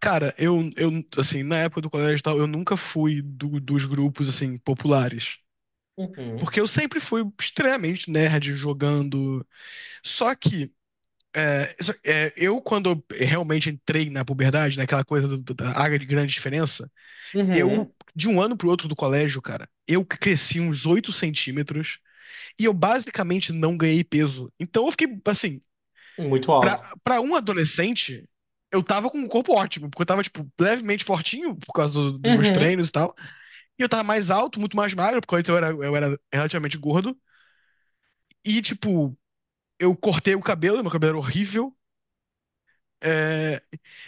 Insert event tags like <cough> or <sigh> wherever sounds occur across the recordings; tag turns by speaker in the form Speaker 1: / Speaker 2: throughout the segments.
Speaker 1: Cara, assim, na época do colégio e tal, eu nunca fui dos grupos, assim, populares.
Speaker 2: Uhum.
Speaker 1: Porque eu sempre fui extremamente nerd jogando. Só que, quando eu realmente entrei na puberdade, naquela coisa da área de grande diferença, eu,
Speaker 2: Uhum.
Speaker 1: de um ano pro outro do colégio, cara, eu cresci uns 8 centímetros e eu basicamente não ganhei peso. Então eu fiquei, assim.
Speaker 2: Uhum. Muito
Speaker 1: Pra,
Speaker 2: alto.
Speaker 1: pra um adolescente, eu tava com um corpo ótimo, porque eu tava, tipo, levemente fortinho por causa dos meus
Speaker 2: Uhum.
Speaker 1: treinos e tal. E eu tava mais alto, muito mais magro, porque antes eu era relativamente gordo. E, tipo, eu cortei o cabelo, meu cabelo era horrível. É,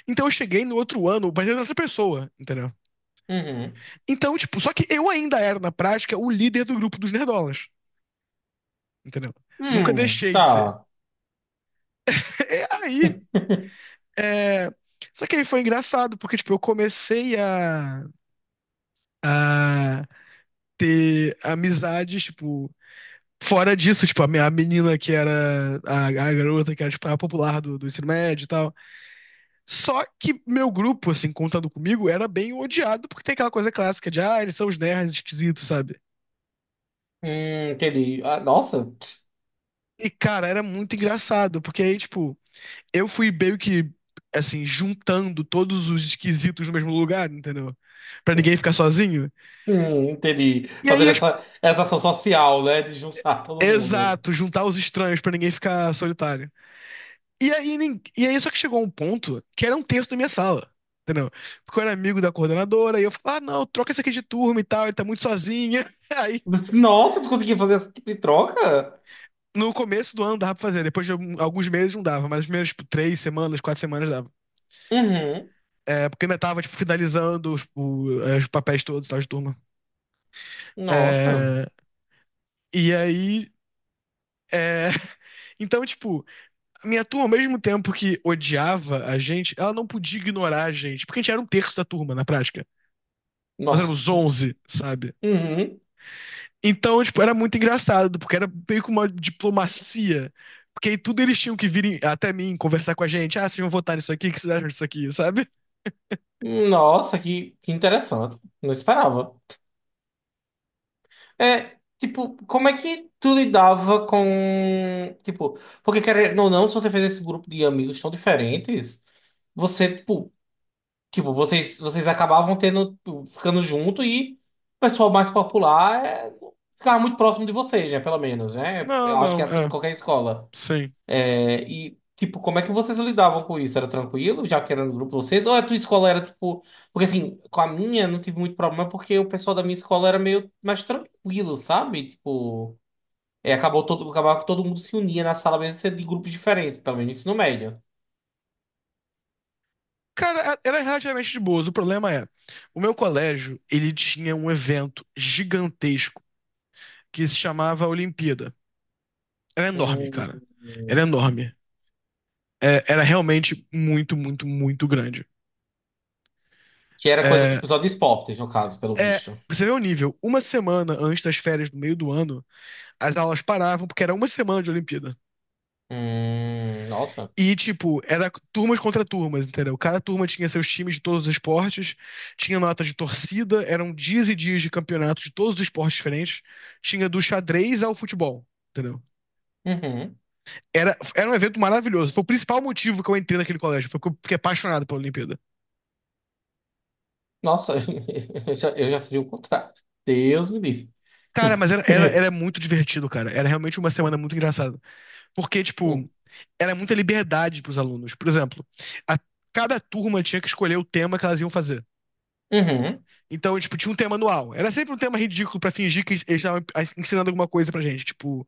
Speaker 1: Então eu cheguei no outro ano, parecendo outra pessoa, entendeu?
Speaker 2: Uhum.
Speaker 1: Então, tipo, só que eu ainda era, na prática, o líder do grupo dos nerdolas, entendeu? Nunca deixei de ser.
Speaker 2: Tá.
Speaker 1: <laughs> E aí,
Speaker 2: <laughs>
Speaker 1: é... só que aí foi engraçado, porque, tipo, eu comecei a ter amizades, tipo, fora disso, tipo, a menina que era a garota que era, tipo, a popular do ensino médio e tal. Só que meu grupo, assim, contando comigo, era bem odiado porque tem aquela coisa clássica de: ah, eles são os nerds esquisitos, sabe?
Speaker 2: Entendi. Ah, nossa.
Speaker 1: E, cara, era muito engraçado, porque aí, tipo, eu fui meio que, assim, juntando todos os esquisitos no mesmo lugar, entendeu? Pra ninguém ficar sozinho.
Speaker 2: Entendi.
Speaker 1: E aí,
Speaker 2: Fazer essa ação social, né? De juntar todo mundo.
Speaker 1: exato, juntar os estranhos pra ninguém ficar solitário. E aí, só que chegou um ponto que era um terço da minha sala. Entendeu? Porque eu era amigo da coordenadora, e eu falava: ah, não, troca esse aqui de turma e tal, ele tá muito sozinha. <laughs> Aí,
Speaker 2: Nossa, tu conseguiu fazer esse tipo de troca?
Speaker 1: no começo do ano dava pra fazer, depois de alguns meses não dava, mas as primeiras, tipo, 3 semanas, 4 semanas dava.
Speaker 2: Uhum.
Speaker 1: É, porque ainda tava, tipo, finalizando os papéis todos, e tal, de turma.
Speaker 2: Nossa.
Speaker 1: É, e aí, é, <laughs> então, tipo, a minha turma, ao mesmo tempo que odiava a gente, ela não podia ignorar a gente, porque a gente era um terço da turma, na prática. Nós
Speaker 2: Nossa.
Speaker 1: éramos 11, sabe?
Speaker 2: Uhum.
Speaker 1: Então, tipo, era muito engraçado, porque era meio que uma diplomacia. Porque aí tudo eles tinham que vir até mim conversar com a gente. Ah, vocês vão votar nisso aqui? O que vocês acham disso aqui, sabe?
Speaker 2: Nossa, que interessante. Não esperava. É, tipo, como é que tu lidava com, tipo, porque querendo ou não, se você fez esse grupo de amigos tão diferentes, você, tipo, tipo, vocês acabavam tendo, tipo, ficando junto e o pessoal mais popular é, ficava muito próximo de vocês, né, pelo menos, né?
Speaker 1: Não,
Speaker 2: Eu acho que é
Speaker 1: não,
Speaker 2: assim em qualquer escola.
Speaker 1: sim.
Speaker 2: É, e, tipo, como é que vocês lidavam com isso? Era tranquilo, já que era no grupo de vocês? Ou a tua escola era, tipo... Porque, assim, com a minha não tive muito problema, porque o pessoal da minha escola era meio mais tranquilo, sabe? Tipo... É, acabou todo, acabava que todo mundo se unia na sala mesmo, sendo de grupos diferentes, pelo menos no ensino médio.
Speaker 1: Cara, era relativamente de boas. O problema é, o meu colégio, ele tinha um evento gigantesco que se chamava Olimpíada. Era enorme, cara. Era
Speaker 2: Hum.
Speaker 1: enorme. Era realmente muito, muito, muito grande.
Speaker 2: Que era coisa,
Speaker 1: É,
Speaker 2: tipo, só de esportes, no caso, pelo
Speaker 1: é,
Speaker 2: visto.
Speaker 1: você vê o nível. Uma semana antes das férias do meio do ano, as aulas paravam porque era uma semana de Olimpíada.
Speaker 2: Nossa.
Speaker 1: E, tipo, era turmas contra turmas, entendeu? Cada turma tinha seus times de todos os esportes, tinha notas de torcida, eram dias e dias de campeonatos de todos os esportes diferentes, tinha do xadrez ao futebol, entendeu?
Speaker 2: Uhum.
Speaker 1: Era um evento maravilhoso. Foi o principal motivo que eu entrei naquele colégio, foi porque eu fiquei apaixonado pela Olimpíada.
Speaker 2: Nossa, <laughs> eu já seria o contrário. Deus me livre.
Speaker 1: Cara, mas era
Speaker 2: <laughs>
Speaker 1: muito divertido, cara. Era realmente uma semana muito engraçada. Porque, tipo, era muita liberdade pros alunos. Por exemplo, a- cada turma tinha que escolher o tema que elas iam fazer.
Speaker 2: Uhum.
Speaker 1: Então, tipo, tinha um tema anual. Era sempre um tema ridículo pra fingir que eles estavam ensinando alguma coisa pra gente. Tipo,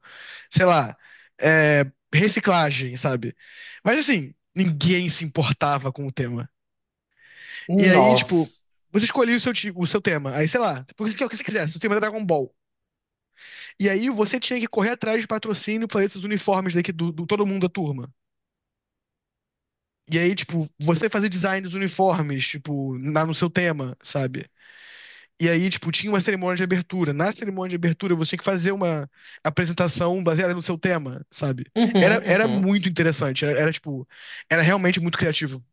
Speaker 1: sei lá, é, reciclagem, sabe? Mas, assim, ninguém se importava com o tema. E aí, tipo,
Speaker 2: Nossa.
Speaker 1: você escolhia o seu tema. Aí, sei lá, o que você quisesse. O tema era Dragon Ball. E aí você tinha que correr atrás de patrocínio para esses uniformes daqui do todo mundo da turma. E aí, tipo, você fazer design dos uniformes, tipo, no seu tema, sabe? E aí, tipo, tinha uma cerimônia de abertura. Na cerimônia de abertura, você tinha que fazer uma apresentação baseada no seu tema, sabe? Era,
Speaker 2: Uhum,
Speaker 1: era
Speaker 2: uhum.
Speaker 1: muito interessante. Tipo, era realmente muito criativo.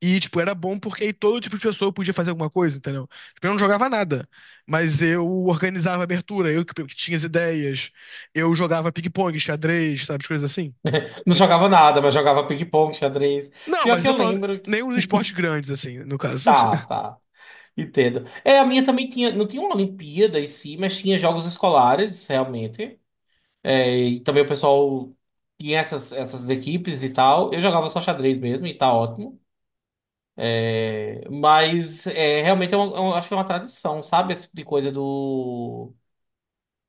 Speaker 1: E, tipo, era bom porque aí todo tipo de pessoa podia fazer alguma coisa, entendeu? Tipo, eu não jogava nada, mas eu organizava a abertura, que tinha as ideias, eu jogava ping-pong, xadrez, sabe, as coisas assim.
Speaker 2: Não jogava nada, mas jogava ping-pong, xadrez.
Speaker 1: Não,
Speaker 2: Pior
Speaker 1: mas
Speaker 2: que
Speaker 1: eu
Speaker 2: eu
Speaker 1: tô falando,
Speaker 2: lembro que.
Speaker 1: nenhum dos esportes grandes, assim, no caso.
Speaker 2: Tá, tá. Entendo. É, a minha também tinha. Não tinha uma Olimpíada em si, mas tinha jogos escolares, realmente. É, e também o pessoal tinha essas equipes e tal. Eu jogava só xadrez mesmo e tá ótimo. É, mas é, realmente eu acho que é uma tradição, sabe? Esse tipo de coisa do.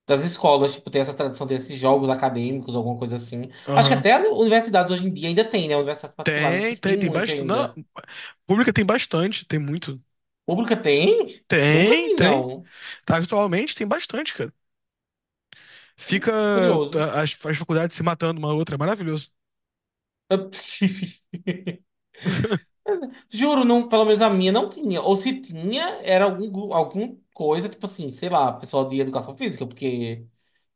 Speaker 2: Das escolas, tipo, tem essa tradição desses jogos acadêmicos, alguma coisa assim.
Speaker 1: <laughs>
Speaker 2: Acho que
Speaker 1: Aham.
Speaker 2: até universidades hoje em dia ainda tem, né? Universidades particulares, eu
Speaker 1: Tem,
Speaker 2: sei que tem
Speaker 1: tem, tem
Speaker 2: muito
Speaker 1: bastante. Não,
Speaker 2: ainda.
Speaker 1: pública tem bastante, tem muito.
Speaker 2: Pública tem? Nunca
Speaker 1: Tem,
Speaker 2: vi,
Speaker 1: tem.
Speaker 2: não.
Speaker 1: Tá, atualmente tem bastante, cara. Fica
Speaker 2: Curioso.
Speaker 1: as faculdades se matando uma outra, é maravilhoso.
Speaker 2: Eu- <laughs> Juro, não, pelo menos a minha não tinha. Ou se tinha, era algum, gru- algum coisa, tipo assim, sei lá, pessoal de educação física, porque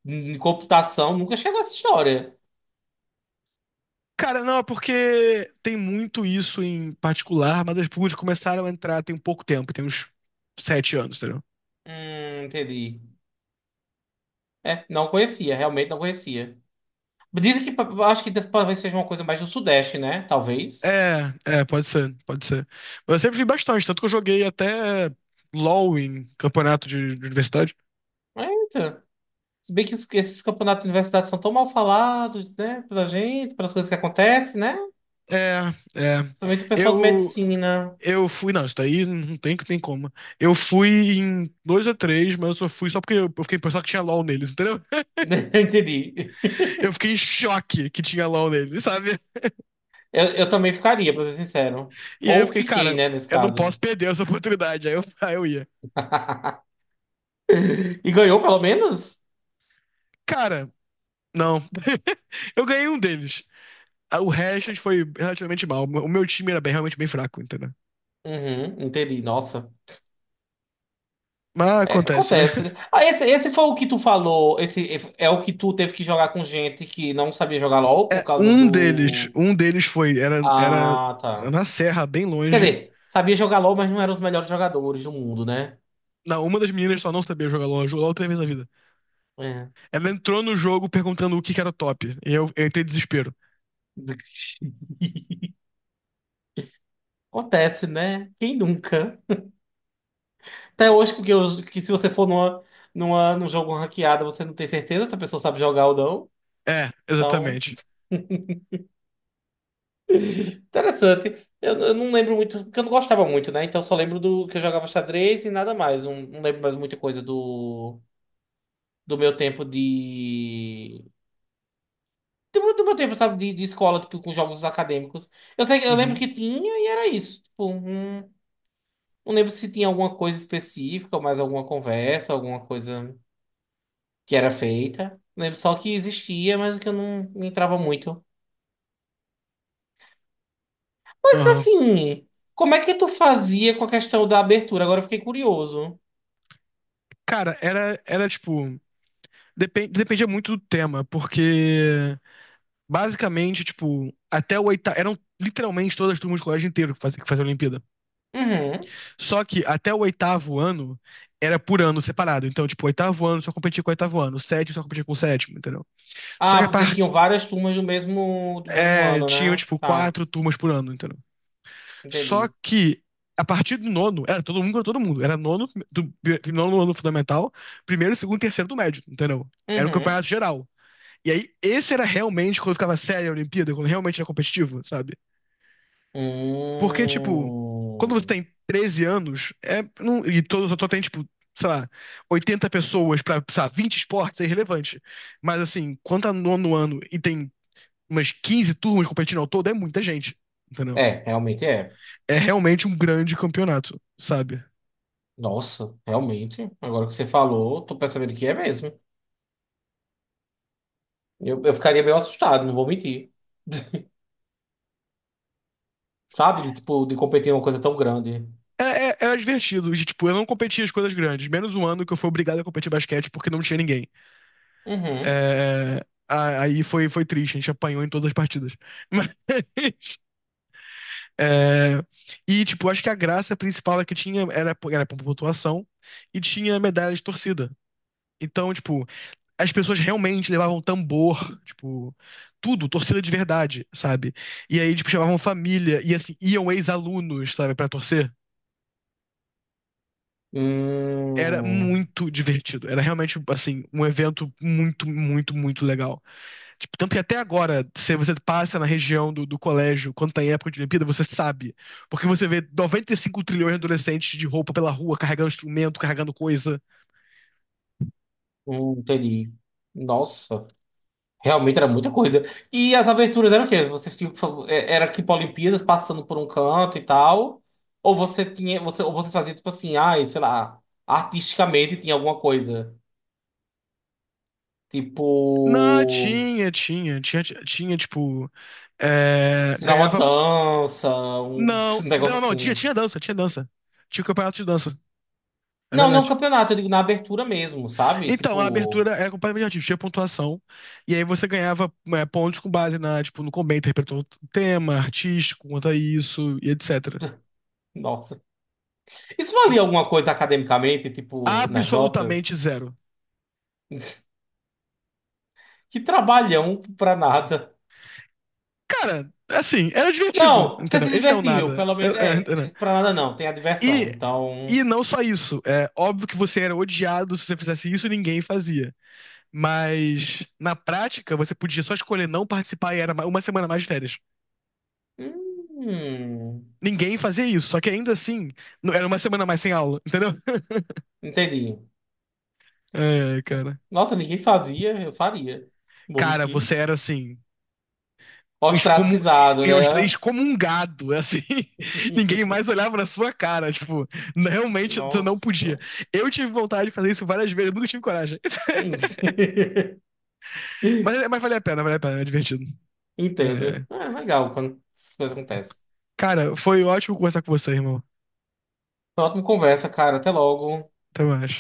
Speaker 2: em computação nunca chegou essa história.
Speaker 1: Cara, não, é porque tem muito isso em particular, mas as públicas começaram a entrar tem pouco tempo, tem uns 7 anos, entendeu?
Speaker 2: Entendi. É, não conhecia, realmente não conhecia. Dizem que pa- acho que deve- talvez seja uma coisa mais do Sudeste, né? Talvez.
Speaker 1: É, é, pode ser, pode ser. Mas eu sempre vi bastante, tanto que eu joguei até LoL em campeonato de universidade.
Speaker 2: Eita. Se bem que os- esses campeonatos de universidade são tão mal falados, né? Pela gente, pelas coisas que acontecem, né?
Speaker 1: É, é.
Speaker 2: Principalmente o pessoal de
Speaker 1: Eu,
Speaker 2: medicina.
Speaker 1: eu fui, não, isso daí não tem, tem como. Eu fui em dois ou três, mas eu só fui só porque eu fiquei pensando que tinha LoL neles, entendeu? <laughs>
Speaker 2: <laughs> Entendi.
Speaker 1: Eu fiquei em choque que tinha LoL neles, sabe?
Speaker 2: Eu também ficaria, pra ser sincero.
Speaker 1: E aí eu
Speaker 2: Ou
Speaker 1: fiquei,
Speaker 2: fiquei,
Speaker 1: cara,
Speaker 2: né, nesse
Speaker 1: eu não
Speaker 2: caso.
Speaker 1: posso perder essa oportunidade. Aí eu, <laughs> aí eu ia.
Speaker 2: <laughs> E ganhou pelo menos?
Speaker 1: Cara, não. <laughs> Eu ganhei um deles. Ah, o resto foi relativamente mal. O meu time era realmente bem fraco, entendeu?
Speaker 2: Uhum, entendi. Nossa.
Speaker 1: Mas
Speaker 2: É,
Speaker 1: acontece, né?
Speaker 2: acontece, né?
Speaker 1: <laughs>
Speaker 2: Ah, esse foi o que tu falou. Esse é o que tu teve que jogar com gente que não sabia jogar LOL por
Speaker 1: É,
Speaker 2: causa do.
Speaker 1: um deles foi, era
Speaker 2: Ah, tá.
Speaker 1: na serra, bem
Speaker 2: Quer
Speaker 1: longe.
Speaker 2: dizer, sabia jogar LOL, mas não eram os melhores jogadores do mundo, né?
Speaker 1: Uma das meninas só não sabia jogar LOL, jogou LOL três vezes na vida.
Speaker 2: É.
Speaker 1: Ela entrou no jogo perguntando o que que era o top. E eu entrei em desespero.
Speaker 2: Acontece, né? Quem nunca? Até hoje, porque eu- que se você for numa, numa, num jogo ranqueado, você não tem certeza se a pessoa sabe jogar ou não.
Speaker 1: É,
Speaker 2: Então,
Speaker 1: exatamente.
Speaker 2: interessante. Eu não lembro muito, porque eu não gostava muito, né? Então, só lembro do que eu jogava xadrez e nada mais. Não, não lembro mais muita coisa do, do meu tempo de. Do, do meu tempo, sabe, de escola, tipo, com jogos acadêmicos. Eu sei, que- eu lembro que
Speaker 1: Uhum.
Speaker 2: tinha e era isso. Tipo, não, não lembro se tinha alguma coisa específica, ou mais alguma conversa, alguma coisa. Que era feita, né? Só que existia, mas que eu não entrava muito. Mas
Speaker 1: Aham.
Speaker 2: assim, como é que tu fazia com a questão da abertura? Agora eu fiquei curioso.
Speaker 1: Cara, era tipo. Dependia muito do tema, porque. Basicamente, tipo, até o oitavo. Eram literalmente todas as turmas do colégio inteiro que faziam a Olimpíada.
Speaker 2: Uhum.
Speaker 1: Só que até o oitavo ano era por ano separado. Então, tipo, o oitavo ano só competia com o oitavo ano, o sétimo só competia com o sétimo, entendeu? Só
Speaker 2: Ah,
Speaker 1: que
Speaker 2: vocês tinham várias turmas do mesmo ano,
Speaker 1: tinham,
Speaker 2: né?
Speaker 1: tipo,
Speaker 2: Tá,
Speaker 1: quatro turmas por ano, entendeu? Só
Speaker 2: entendi.
Speaker 1: que a partir do nono, era todo mundo contra todo mundo. Era nono, nono ano fundamental, primeiro, segundo, terceiro do médio, entendeu? Era o
Speaker 2: Uhum.
Speaker 1: campeonato geral. E aí, esse era realmente quando ficava séria a Olimpíada, quando realmente era competitivo, sabe? Porque, tipo, quando você
Speaker 2: Hum.
Speaker 1: tem 13 anos, só tem, tipo, sei lá, 80 pessoas pra, sei lá, 20 esportes, é irrelevante. Mas, assim, quando tá no nono ano e tem umas 15 turmas competindo ao todo, é muita gente, entendeu?
Speaker 2: É, realmente é.
Speaker 1: É realmente um grande campeonato, sabe?
Speaker 2: Nossa, realmente. Agora que você falou, tô percebendo que é mesmo. Eu ficaria meio assustado, não vou mentir. <laughs> Sabe? De, tipo, de competir em uma coisa tão grande.
Speaker 1: É- Era divertido, e, tipo, eu não competia as coisas grandes, menos um ano que eu fui obrigado a competir basquete porque não tinha ninguém.
Speaker 2: Uhum.
Speaker 1: Aí foi, triste, a gente apanhou em todas as partidas. <laughs> É, e, tipo, acho que a graça principal é que tinha era por pontuação e tinha medalha de torcida. Então, tipo, as pessoas realmente levavam tambor, tipo, tudo, torcida de verdade, sabe? E aí, tipo, chamavam família e, assim, iam ex-alunos, sabe, pra torcer. Era
Speaker 2: Hum,
Speaker 1: muito divertido. Era realmente, assim, um evento muito, muito, muito legal. Tipo, tanto que até agora, se você passa na região do colégio, quando tá em época de Olimpíada, você sabe. Porque você vê 95 trilhões de adolescentes de roupa pela rua, carregando instrumento, carregando coisa.
Speaker 2: entendi. Nossa, realmente era muita coisa. E as aberturas eram o quê? Vocês tinham que fa- é- era tipo Olimpíadas passando por um canto e tal? Ou você tinha, você, ou você fazia tipo assim, ai, sei lá, artisticamente tinha alguma coisa.
Speaker 1: Não,
Speaker 2: Tipo,
Speaker 1: tinha, tipo.
Speaker 2: sei lá, uma
Speaker 1: Ganhava.
Speaker 2: dança, um, <laughs> um
Speaker 1: Não,
Speaker 2: negócio
Speaker 1: não, não, tinha
Speaker 2: assim.
Speaker 1: dança, tinha dança. Tinha campeonato de dança. É
Speaker 2: Não, não
Speaker 1: verdade.
Speaker 2: campeonato, eu digo na abertura mesmo, sabe?
Speaker 1: Então, a
Speaker 2: Tipo,
Speaker 1: abertura era completamente artística, tinha pontuação. E aí você ganhava pontos com base tipo, no como bem interpretou o tema, artístico, quanto a isso, e etc.
Speaker 2: nossa. Isso valia alguma coisa academicamente, tipo, nas notas?
Speaker 1: Absolutamente zero.
Speaker 2: Que trabalhão pra nada.
Speaker 1: Cara, assim, era divertido,
Speaker 2: Não, você
Speaker 1: entendeu?
Speaker 2: se
Speaker 1: Esse é o
Speaker 2: divertiu,
Speaker 1: nada.
Speaker 2: pelo
Speaker 1: É,
Speaker 2: menos.
Speaker 1: é,
Speaker 2: É,
Speaker 1: entendeu?
Speaker 2: pra nada não, tem a diversão.
Speaker 1: E, e
Speaker 2: Então.
Speaker 1: não só isso. É óbvio que você era odiado se você fizesse isso, ninguém fazia. Mas na prática, você podia só escolher não participar e era uma semana mais de férias.
Speaker 2: Hum,
Speaker 1: Ninguém fazia isso, só que ainda assim, era uma semana mais sem aula, entendeu? <laughs>
Speaker 2: entendi.
Speaker 1: É, cara.
Speaker 2: Nossa, ninguém fazia, eu faria. Não vou
Speaker 1: Cara,
Speaker 2: mentir.
Speaker 1: você era assim, excomun...
Speaker 2: Ostracizado,
Speaker 1: eu estarei
Speaker 2: né?
Speaker 1: excomungado, assim. <laughs> Ninguém
Speaker 2: <laughs>
Speaker 1: mais olhava na sua cara, tipo, realmente você não podia.
Speaker 2: Nossa.
Speaker 1: Eu tive vontade de fazer isso várias vezes, eu nunca tive coragem.
Speaker 2: <laughs>
Speaker 1: Mas valeu a pena, é divertido. É.
Speaker 2: Entendo.
Speaker 1: É.
Speaker 2: É legal quando essas coisas acontecem.
Speaker 1: Cara, foi ótimo conversar com você, irmão.
Speaker 2: Foi uma ótima conversa, cara. Até logo.
Speaker 1: Até mais.